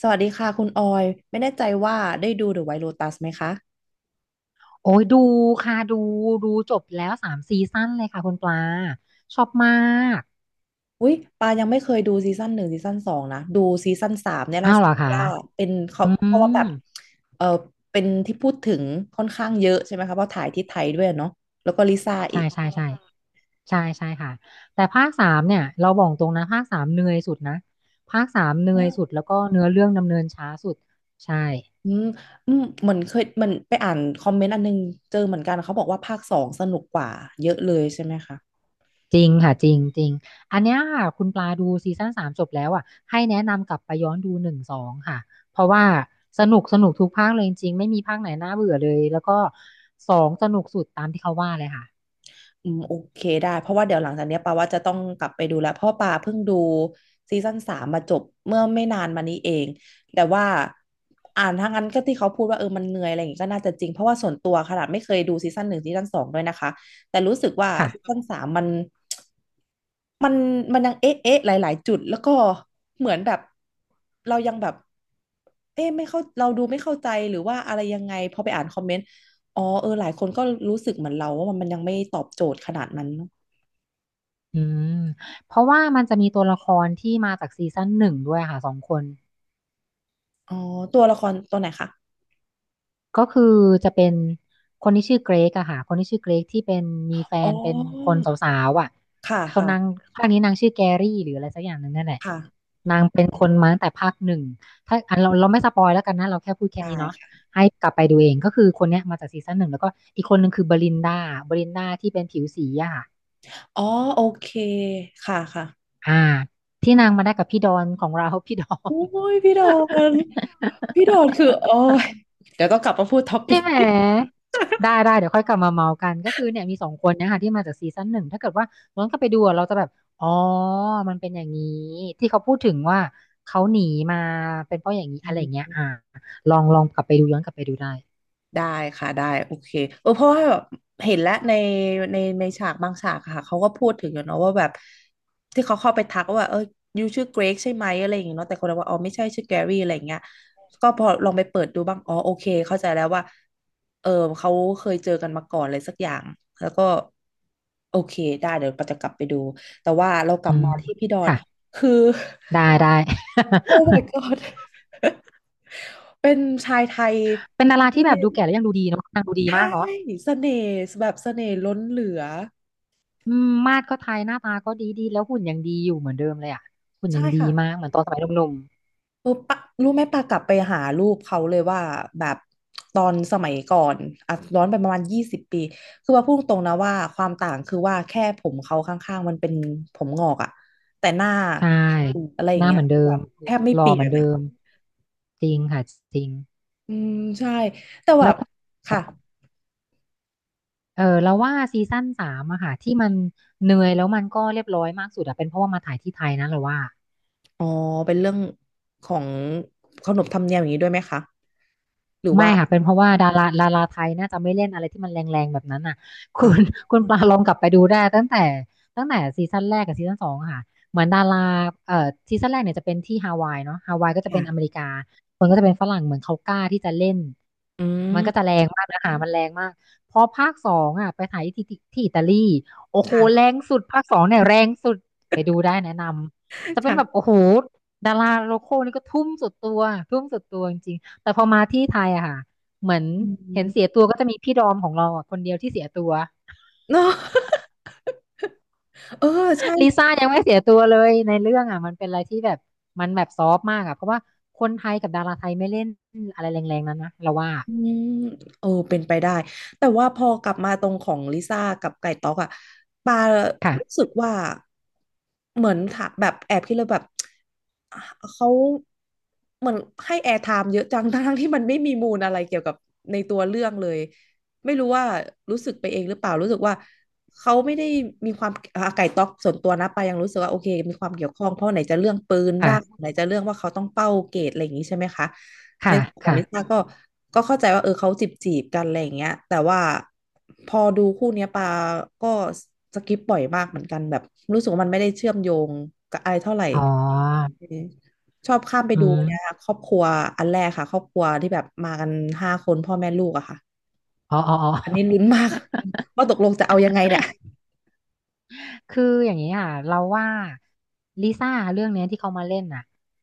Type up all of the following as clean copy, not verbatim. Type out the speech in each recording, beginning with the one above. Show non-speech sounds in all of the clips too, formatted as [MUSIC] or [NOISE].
สวัสดีค่ะคุณออยไม่แน่ใจว่าได้ดู The White Lotus ไหมคะโอ้ยดูค่ะดูดูจบแล้วสามซีซั่นเลยค่ะคุณปลาชอบมากอุ๊ยปายังไม่เคยดูซีซั่นหนึ่งซีซั่นสองนะดูซีซั่นสามเนี่ยล่าอ้าวสุเหดรอคะว่าเป็นเขาอืเพราะว่ามแบบเออเป็นที่พูดถึงค่อนข้างเยอะใช่ไหมคะเพราะถ่ายที่ไทยด้วยเนาะแล้วก็ลิซ่าอีใช่กใช่ใช่ใช่ใช่ค่ะแต่ภาคสามเนี่ยเราบอกตรงนะภาคสามเหนื่อยสุดนะภาคสามเหนื่อือยสุดมแล้วก็เนื้อเรื่องดำเนินช้าสุดใช่ อืมเหมือนเคยมันไปอ่านคอมเมนต์อันนึงเจอเหมือนกันเขาบอกว่าภาคสองสนุกกว่าเยอะเลยใช่ไหมคะ จริงค่ะจริงจริงอันเนี้ยค่ะคุณปลาดูซีซั่นสามจบแล้วอ่ะให้แนะนำกลับไปย้อนดูหนึ่งสองค่ะเพราะว่าสนุกสนุกทุกภาคเลยจริงๆไม่มีภาคไหนน่าเบื่อเลยแล้วก็สองสนุกสุดตามที่เขาว่าเลยค่ะอืมโอเคได้เพราะว่าเดี๋ยวหลังจากเนี้ยปาว่าจะต้องกลับไปดูแล้วเพราะปาเพิ่งดูซีซั่นสามมาจบเมื่อไม่นานมานี้เองแต่ว่าอ่านทั้งนั้นก็ที่เขาพูดว่ามันเหนื่อยอะไรอย่างงี้ก็น่าจะจริงเพราะว่าส่วนตัวขนาดไม่เคยดูซีซั่นหนึ่งซีซั่นสองด้วยนะคะแต่รู้สึกว่าซีค่ะซั่นสามมันมันมันยังเอ๊ะเอ๊ะหลายๆจุดแล้วก็เหมือนแบบเรายังแบบเอ๊ะไม่เข้าเราดูไม่เข้าใจหรือว่าอะไรยังไงพอไปอ่านคอมเมนต์ อ๋อหลายคนก็รู้สึกเหมือนเราว่ามันยังไม่ตอบโจทย์ขนาดนั้นเนอะอืมเพราะว่ามันจะมีตัวละครที่มาจากซีซั่นหนึ่งด้วยค่ะสองคนอ๋อตัวละครตัวไหนคะก็คือจะเป็นคนที่ชื่อเกรกอะค่ะคนที่ชื่อเกรกที่เป็นมีแฟอ๋อนเป็นคนสาวๆอะค่ะเขานางค่ะภาคนี้นางชื่อแกรี่หรืออะไรสักอย่างหนึ่งนั่นแหละค่ะนาง ถ้าอันเราไม่สปอยแล้วกันนะเราแค่พูดแค่ได้นี้เนาะค่ะให้กลับไปดูเองก็คือคนเนี้ยมาจากซีซั่นหนึ่งแล้วก็อีกคนหนึ่งคือบรินดาบรินดาที่เป็นผิวสีอะค่ะอ๋อโอเคค่ะค่ะอ่าที่นางมาได้กับพี่ดอนของเรา [LAUGHS] พี่ดอโอ้มยพี่ดอนพี่ดอนคือโอ้ยเดี๋ยวต้องกลับมาพูดท็อปิใช่ก ไหมได้เดี๋ยวค่อยกลับมาเมากันก็คือเนี่ยมีสองคนเนะคะที่มาจากซีซั่นหนึ่งถ้าเกิดว่าย้อนกลับไปดูอะเราจะแบบอ๋อมันเป็นอย่างนี้ที่เขาพูดถึงว่าเขาหนีมาเป็นเพราะอย่างนี้อะไร่เงี้ย [LAUGHS] อ่าลองลองกลับไปดูย้อนกลับไปดูได้ ได้ค่ะได้โอเคเพราะว่าแบบเห็นแล้วในในฉากบางฉากอะค่ะเขาก็พูดถึงอยู่เนาะว่าแบบที่เขาเข้าไปทักว่ายูชื่อเกรกใช่ไหมอะไรอย่างเงี้ยเนาะแต่คนเราว่าอ๋อไม่ใช่ชื่อแกรี่อะไรอย่างเงี้ยก็พอลองไปเปิดดูบ้างอ๋อโอเคเข้าใจแล้วว่าเออเขาเคยเจอกันมาก่อนอะไรสักอย่างแล้วก็โอเคได้เดี๋ยวเราจะกลับไปดูแต่ว่าเรากลัอืบมมาที่พี่ดอนค่ะคือ ได้ได้ [LAUGHS] [LAUGHS] โอ้ my god เป็นชายไทยเป็นดาราที่ ที่แบบดูแก่แล้วยังดูดีเนาะนางดูดีใช่มากเนาะเสน่ห์แบบเสน่ห์ล้นเหลืออืมมาดก็ไทยหน้าตาก็ดีดีแล้วหุ่นยังดีอยู่เหมือนเดิมเลยอ่ะหุ่นใช่ยังดีค่ะมากเหมือนตอนสมัยหนุ่มปะรู้ไหมปากลับไปหารูปเขาเลยว่าแบบตอนสมัยก่อนอ่ะย้อนไปประมาณ20 ปีคือว่าพูดตรงนะว่าความต่างคือว่าแค่ผมเขาข้างๆมันเป็นผมงอกอะแต่หน้าๆใช่อมอะไรอหย่างน้าเงี้เหยมือนเดิคือแบมบแทบไม่หล่เปอลี่เหยมือนนเดิอะมจริงค่ะจริงอืมใช่แต่แบแล้วบก็ค่ะเออเราว่าซีซั่นสามอะค่ะที่มันเหนื่อยแล้วมันก็เรียบร้อยมากสุดอะเป็นเพราะว่ามาถ่ายที่ไทยนะเราว่า อ๋อเป็นเรื่องของขนบธรรมเนียมอย่างนี้ด้วยไหมคะหรือไม่ว่าค่ะเป็นเพราะว่าดาราไทยน่าจะไม่เล่นอะไรที่มันแรงๆแบบนั้นน่ะ [LAUGHS] คุณอ่าคุณปลาลองกลับไปดูได้ตั้งแต่ซีซั่นแรกกับซีซั่นสองอะค่ะเหมือนดาราเอ่อซีซั่นแรกเนี่ยจะเป็นที่ฮาวายเนาะฮาวายก็จะเป็นอเมค่ะริกามันก็จะเป็นฝรั่งเหมือนเขากล้าที่จะเล่นอืมันก็จะมแรงมากนะคะมันแรงมากพอภาคสองอ่ะไปถ่ายที่อิตาลีโอ้โหแรค่ะ งสุดภาคสองเนี่ยแรงสุดไปดูได้แนะนำจะเป็นแบบค่ะโอ้โหดาราโลคอลนี่ก็ทุ่มสุดตัวทุ่มสุดตัวจริงๆ แต่พอมาที่ไทยอะค่ะเหมือนอืเห็ม นเสียตัว [LAUGHS] ก็จะมีพี่ดอมของเราอะคนเดียวที่เสียตัวเนาะ [LAUGHS] เออใช่ลิซ่ายังไม่เสียตัวเลยในเรื่องอะมันเป็นอะไรที่แบบมันแบบซอฟต์มากอะเพราะว่าคนไทยกับดาราไทยไม่เล่นอะไรแรงๆนั้นนะเราว่าอืมเป็นไปได้ แต่ว่าพอกลับมาตรงของลิซ่ากับไก่ต๊อกอะปารู้สึค่ะกว่าเหมือนถ้าแบบแอบคิดเลยแบบอ่ะเขาเหมือนให้แอร์ไทม์เยอะจัง [LAUGHS] ทั้งๆที่มันไม่มีมูลอะไรเกี่ยวกับในตัวเรื่องเลย ไม่รู้ว่ารู้สึกไปเองหรือเปล่ารู้สึกว่าเขาไม่ได้มีความอ่าไก่ต๊อกส่วนตัวนะปายังรู้สึกว่าโอเคมีความเกี่ยวข้องเพราะไหนจะเรื่องปืนบ้างค่ะไหนจะเรื่องว่าเขาต้องเป้าเกรดอะไรอย่างนี้ใช่ไหมคะในค่ะส่วนของลิค่ะซ่าก็เข้าใจว่าเขาจีบกันอะไรอย่างเงี้ยแต่ว่าพอดูคู่เนี้ยปาก็สกิปบ่อยมากเหมือนกันแบบรู้สึกว่ามันไม่ได้เชื่อมโยงกับอะไรเท่าไหร่อ๋อเออชอบข้ามไปอืดูเนี่ยมครอบครัวอันแรกค่ะครอบครัวที่แบบมากัน5 คนพ่อแม่ลูกอะค่ะ อ๋ออ๋ออ๋อ อันนี้ลุ้นมาก [LAUGHS] ว่าตกลงจะเอายังไงเนี่ยคืออย่างนี้ค่ะเราว่าลิซ่าเรื่องเนี้ยที่เขามาเล่นน่ะ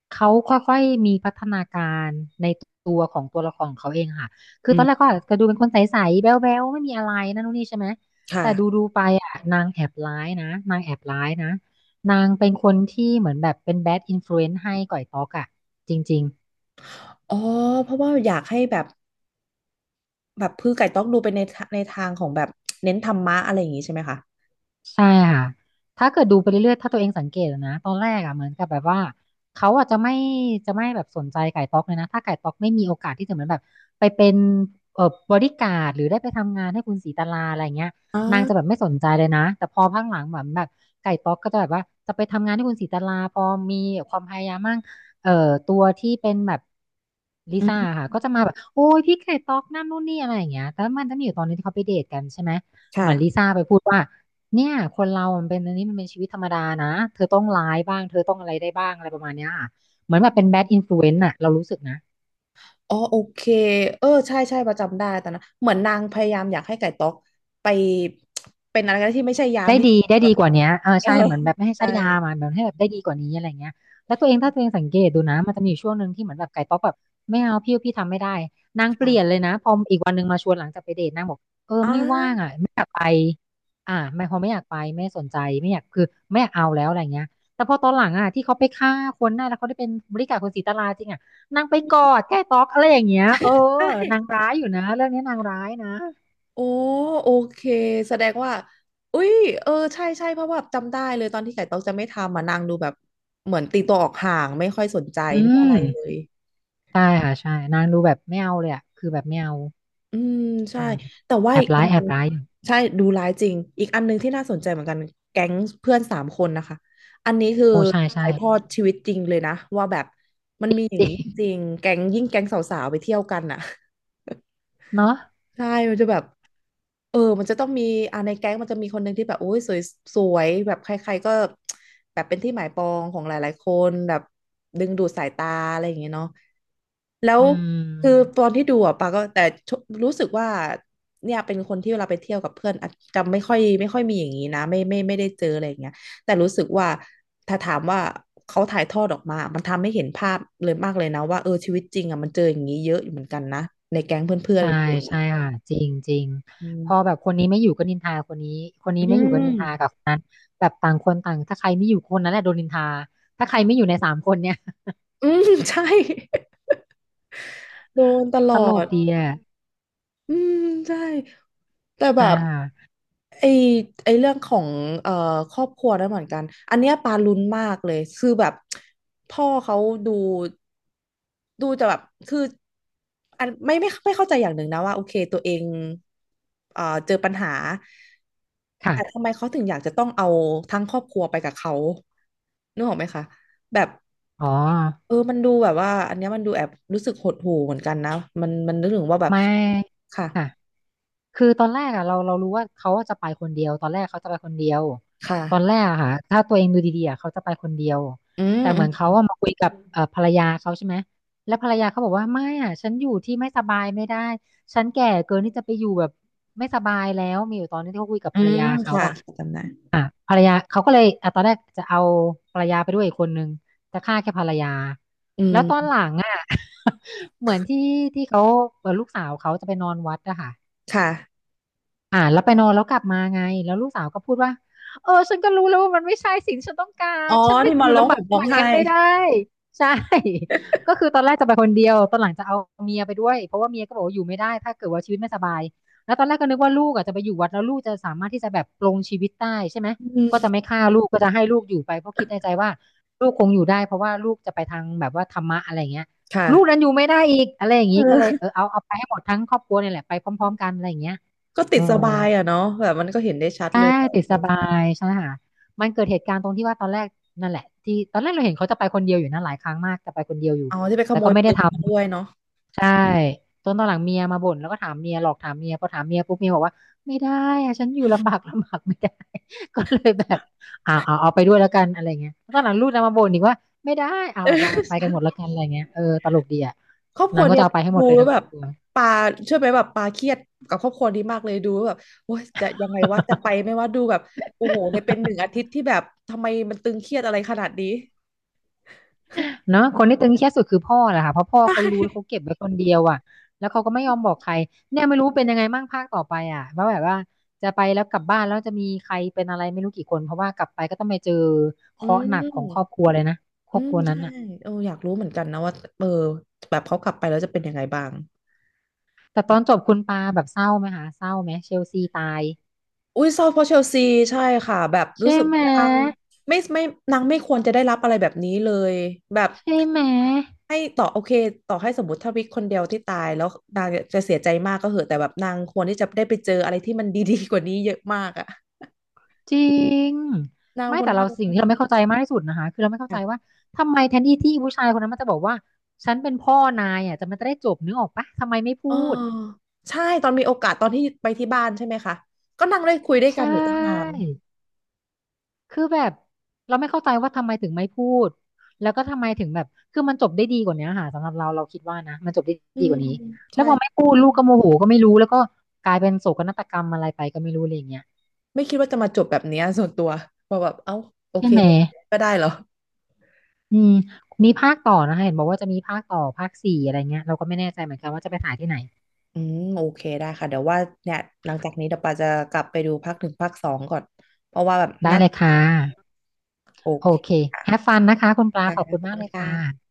เขาค่อยๆมีพัฒนาการในตัวของตัวละครของเขาเองค่ะคืออืตอนแรกมก็อาจจะดูเป็นคนใสๆแบ๊วๆไม่มีอะไรนั่นนู่นนี่ใช่ไหมค่ะแต่ดูๆไปอ่ะนางแอบร้ายนะนางแอบร้ายนะนางเป็นคนที่เหมือนแบบเป็นแบดอินฟลูเอนซ์ให้ก่อยต๊อกอ่ะจริงๆ อ๋อเพราะว่าอยากให้แบบพือไก่ต้องดูไปในทะในทางของแบบเน้นธรรมะอะไรอย่างงี้ใช่ไหมคะใช่ค่ะ ถ้าเกิดดูไปเรื่อยๆถ้าตัวเองสังเกตอะนะตอนแรกอ่ะเหมือนกับแบบว่าเขาอาจจะไม่แบบสนใจไก่ต๊อกเลยนะถ้าไก่ต๊อกไม่มีโอกาสที่จะเหมือนแบบไปเป็นเอ่อบริการดหรือได้ไปทำงานให้คุณศรีตลาอะไรเงี้ยอนางจะแบ่าบไม่สนใจเลยนะแต่พอพักหลังเหมือนแบบไก่ต๊อกก็จะแบบว่าจะไปทำงานให้คุณศรีตลาพอมีความพยายามมั่งเอ่อตัวที่เป็นแบบลิอืซ่ามค่ะก็จะมาแบบโอ้ยพี่ไก่ต๊อกนั่นนู่นนี่อะไรอย่างเงี้ยแต่มันจะมีอยู่ตอนนึงที่เขาไปเดทกันใช่ไหมเหมือนลิค่ะซ่าไปพูดว่า เนี่ยคนเรามันเป็นอันนี้มันเป็นชีวิตธรรมดานะ เธอต้องร้ายบ้าง เธอต้องอะไรได้บ้าง อะไรประมาณเนี้ยค่ะเหมือนแบบเป็นแบดอินฟลูเอนซ์อะเรารู้สึกนะ อ๋อโอเคใช่ใช่ประจำได้ตอนนั้นเหมือนนางพยายามอยากให้ไก่ต๊อกไปเป็นอะไรก็ได้ที่ไม่ใช่ยามที่ได้แบดีบกว่าเนี้ยเออเออใช่เหมือนแบบไม่ให้ใช้ใช่ยามาแบบให้แบบได้ดีกว่านี้อะไรเงี้ยแล้วตัวเองถ้าตัวเองสังเกตดูนะมันจะมีอยู่ช่วงหนึ่งที่เหมือนแบบไก่ป๊อกแบบไม่เอาพี่ทำไม่ได้นางเปลี่ยนเลค่ะยนะพออีกวันหนึ่งมาชวนหลังจากไปเดทนางบอกเอออ่ไม่ว่างาอ่ะไม่อยากไปอ่าไม่พอไม่อยากไปไม่สนใจไม่อยากคือไม่อยากเอาแล้วอะไรเงี้ยแต่พอตอนหลังอ่ะที่เขาไปฆ่าคนได้แล้วเขาได้เป็นบริการคนศรีตลาจริงอ่ะนางไปกอดแก้ต๊อกอะไรอย่างเงี้ยเออใช่ นางร้ายอยู่นะเรื่องนี้นางร้ายนะโอ้โอเคแสดงว่าอุ้ยใช่ใช่เพราะว่าจำได้เลยตอนที่ไก่ต๊อกจะไม่ทำอ่ะนางดูแบบเหมือนตีตัวออกห่างไม่ค่อยสนใจอืไม่อะไรม เลยใช่ค่ะใช่นางดูแบบไม่เอาเลยอะคือแบบไม่เอาอืมใช่อืมแต่ว่าแออีบกอัร้านยแอนึบงร้ายอยู่ใช่ดูร้ายจริงอีกอันนึงที่น่าสนใจเหมือนกันแก๊งเพื่อน3 คนนะคะอันนี้คือโอ้ใช่ใช่ถ่ายทอดชีวิตจริงเลยนะว่าแบบมันมีอย่าจงรินี้งจริงแก๊งแก๊งสาวๆไปเที่ยวกันอ่ะ เนาะใช่มันจะแบบมันจะต้องมีในแก๊งมันจะมีคนหนึ่งที่แบบโอ้ยสวยสวยแบบใครๆก็แบบเป็นที่หมายปองของหลายๆคนแบบดึงดูดสายตาอะไรอย่างเงี้ยเนาะแล้วอืคือมตอนที่ดูอ่ะปาก็แต่ชรู้สึกว่าเนี่ยเป็นคนที่เวลาไปเที่ยวกับเพื่อนอาจจะไม่ค่อยมีอย่างนี้นะไม่ได้เจออะไรอย่างเงี้ยแต่รู้สึกว่าถ้าถามว่าเขาถ่ายทอดออกมามันทำให้เห็นภาพเลยมากเลยนะว่าเออชีวิตจริงอ่ะมันเจออย่างนี้เยอะอยู่เหมือนกันนะในแก๊งเพื่อนใช่ๆกันเอง ใช่ค่ะจริงจริงอืพอมแบบคนนี้ไม่อยู่ก็นินทาคนนี้คนนี้อืไม่อยู่ก็นินทามกับคนนั้นแบบต่างคนต่างถ้าใครไม่อยู่คนนั้นแหละโดนนินทาถ้าใครไม่อยู่ในสามคนเนี่ยอืมใช่ [LAUGHS] โดนตลตอลกดดีอ่ะอืมใช่ แต่ใชแบบ่ไอ้ไอ้เรื่องของเอ่อครอบครัวนั่นเหมือนกันอันเนี้ยปาลุ้นมากเลยคือแบบพ่อเขาดูดูจะแบบคืออันไม่เข้าใจอย่างหนึ่งนะว่าโอเคตัวเองเจอปัญหาค่ะแต่ทำค่ะไมเขาถึงอยากจะต้องเอาทั้งครอบครัวไปกับเขานึกออกไหมคะแบบอ๋อเออมันดูแบบว่าอันเนี้ยมันดูแอบรู้สึกหดหู่เหมือนกันนะมันนึกถึงว่าแบบไม่ค่ะค่ะ คือตอนแรกอะเรารู้ว่าเขาจะไปคนเดียวตอนแรกเขาจะไปคนเดียวตอนแรค่ะกอะค่ะถ้าตัวเองดูดีๆอะเขาจะไปคนเดียวอืแต่เหมือนเขาม อะมาคุยกับภรรยาเขาใช่ไหมแล้วภรรยาเขาบอกว่าไม่อะฉันอยู่ที่ไม่สบายไม่ได้ฉันแก่เกินที่จะไปอยู่แบบไม่สบายแล้วมีอยู่ตอนนี้ที่เขาคุยกับอืภรรมยาเขาค่ะอะจำได้อ่ะภรรยาเขาก็เลยอ่ะตอนแรกจะเอาภรรยาไปด้วยอีกคนนึงจะฆ่าแค่ภรรยาอืแล้วตอนมหลังอะ [LAUGHS] เหมือนที่ที่เขาลูกสาวเขาจะไปนอนวัดอะค่ะ ค่ะอ่าแล้วไปนอนแล้วกลับมาไงแล้วลูกสาวก็พูดว่าเออฉันก็รู้แล้วว่ามันไม่ใช่สิ่งที่ฉันต้องกาอ๋รอฉันไม่ที่อมายู่ร้องลำบาห่กมร้องมากอย่างไห้นั้นไม่ได้ใช่ [LAUGHS] ก็คือตอนแรกจะไปคนเดียวตอนหลังจะเอาเมียไปด้วยเพราะว่าเมียก็บอกว่าอยู่ไม่ได้ถ้าเกิดว่าชีวิตไม่สบายแล้วตอนแรกก็นึกว่าลูกอ่ะจะไปอยู่วัดแล้วลูกจะสามารถที่จะแบบปลงชีวิตได้ใช่ไหมอืก็มจะไม่ฆ่าลูกก็จะให้ลูกอยู่ไปเพราะคิดในใจว่าลูกคงอยู่ได้เพราะว่าลูกจะไปทางแบบว่าธรรมะอะไรอย่างเงี้ยค่ะลูกนั้นอยู่ไม่ได้อีกอะไรอย่างงี้ก็เลยเอเอออเอาไปให้หมดทั้งครอบครัวเนี่ยแหละไปพร้อมๆกันอะไรอย่างเงี้ยก็ติอ๋ดอ สบายอ่ะเนาะแบบมันก็เห็นได้ชัดอ่าเลยว่าติดสบายใช่ไหมคะมันเกิดเหตุการณ์ตรงที่ว่าตอนแรกนั่นแหละที่ตอนแรกเราเห็นเขาจะไปคนเดียวอยู่นะหลายครั้งมากจะไปคนเดียวอยู่เอาที่ไปขแต่โมก็ยไม่ได้ปืนทมาด้วยเนาะำใช่จนตอนหลังเมียมาบ่นแล้วก็ถามเมียหลอกถามเมียพอถามเมียปุ๊บเมียบอกว่าไม่ได้อะฉันอยู่ลำบาก [LAUGHS] ลำบากไม่ได้ [LAUGHS] ก็เลยแบบอ่าเอาไปด้วยแล้วกันอะไรเงี้ยแล้วตอนหลังลูกนะมาบ่นอีกว่าไม่ได้เอาเเอาไปกันหมออดแล้วกันอะไรเงี้ยเออตลกดีอ่ะครอบคนารัวงก็เนี่จะยเอาไปให้หมดูดเลยแล้วทั้งคแบรอบบครัว ปาเชื่อไหมแบบปาเครียดกับครอบครัวนี้มากเลยดูแล้วแบบโอ้ยจะยังไงวะจะไปไหม่ว่าดูแบบโอ้โหในเป็นหนึ่งอาทิตย์ที่แบบทำไมมันตึงเครียดอะไรขนาดนี้เนาะคนที่ตึงเครียดสุดคือพ่อแหละค่ะเพราะพ่อใชเขารู้แล้ว่เขาเก็บไว้คนเดียวอ่ะแล้วเขาก็ไม่ยอมบอกใครเนี่ยไม่รู้เป็นยังไงมั่งภาคต่อไปอ่ะว่าแบบว่าจะไปแล้วกลับบ้านแล้วจะมีใครเป็นอะไรไม่รู้กี่คนเพราะว่ากลับไปก็ต้องไปเจอเคอืราะห์หนักของครอบม ครัวเลยนะครอือบมครัวใช่นั้นอ่ะเอออยากรู้เหมือนกันนะว่าเออแบบเขากลับไปแล้วจะเป็นยังไงบ้างแต่ตอนจบคุณปาแบบเศร้าไหมคะเศร้าไหมเชลซีตายอุ้ยเศร้าเพราะเชลซีใช่ค่ะแบบรู้ใช่สึกไหมว่านางไม่นางไม่ควรจะได้รับอะไรแบบนี้เลยแบบใช่ไหม ให้ต่อโอเคต่อให้สมมติถ้าวิกคนเดียวที่ตายแล้วนางจะเสียใจมากก็เหอะแต่แบบนางควรที่จะได้ไปเจออะไรที่มันดีๆกว่านี้เยอะมากอะจริงนางไม่คนแต่เรานั่งสิ่งที่เราไม่เข้าใจมากที่สุดนะคะคือเราไม่เข้าใจค่ะว่าทำไมแทนที่ที่ผู้ชายคนนั้นมันจะบอกว่าฉันเป็นพ่อนายอ่ะจะมันจะได้จบนึกออกปะทำไมไม่อ๋อพูดใช่ตอนมีโอกาสตอนที่ไปที่บ้านใช่ไหมคะก็นั่งได้คุยด้วยกันใช่อยู่ตั้งนานคือแบบเราไม่เข้าใจว่าทำไมถึงไม่พูดแล้วก็ทำไมถึงแบบคือมันจบได้ดีกว่านี้ค่ะสำหรับเราเราคิดว่านะมันจบได้อืดีกมว่านี้แล้ใช่ วพอไม่พูดลูกก็โมโหก็ไม่รู้แล้วก็กลายเป็นโศกนาฏกรรมอะไรไปก็ไม่รู้อะไรอย่างเงี้ยไม่คิดว่าจะมาจบแบบเนี้ยส่วนตัวพอแบบเอ้าโอใช่เคไหม ก็ได้เหรออืมมีภาคต่อนะคะเห็นบอกว่าจะมีภาคต่อภาคสี่อะไรเงี้ยเราก็ไม่แน่ใจเหมือนกันว่าจะไปถ่ายที่ไหนอืมโอเคได้ค่ะเดี๋ยวว่าเนี่ยหลังจากนี้เดี๋ยวปาจะกลับไปดูภาคหนึ่งภาคสองก่อนเพราะว่าแบบได้น่าเลติยดตาค่ะมโอโอเคเค ค่ะ have fun นะคะคุณปลาขอบคุขณอบมาคุกณเลยค่ะค่ะ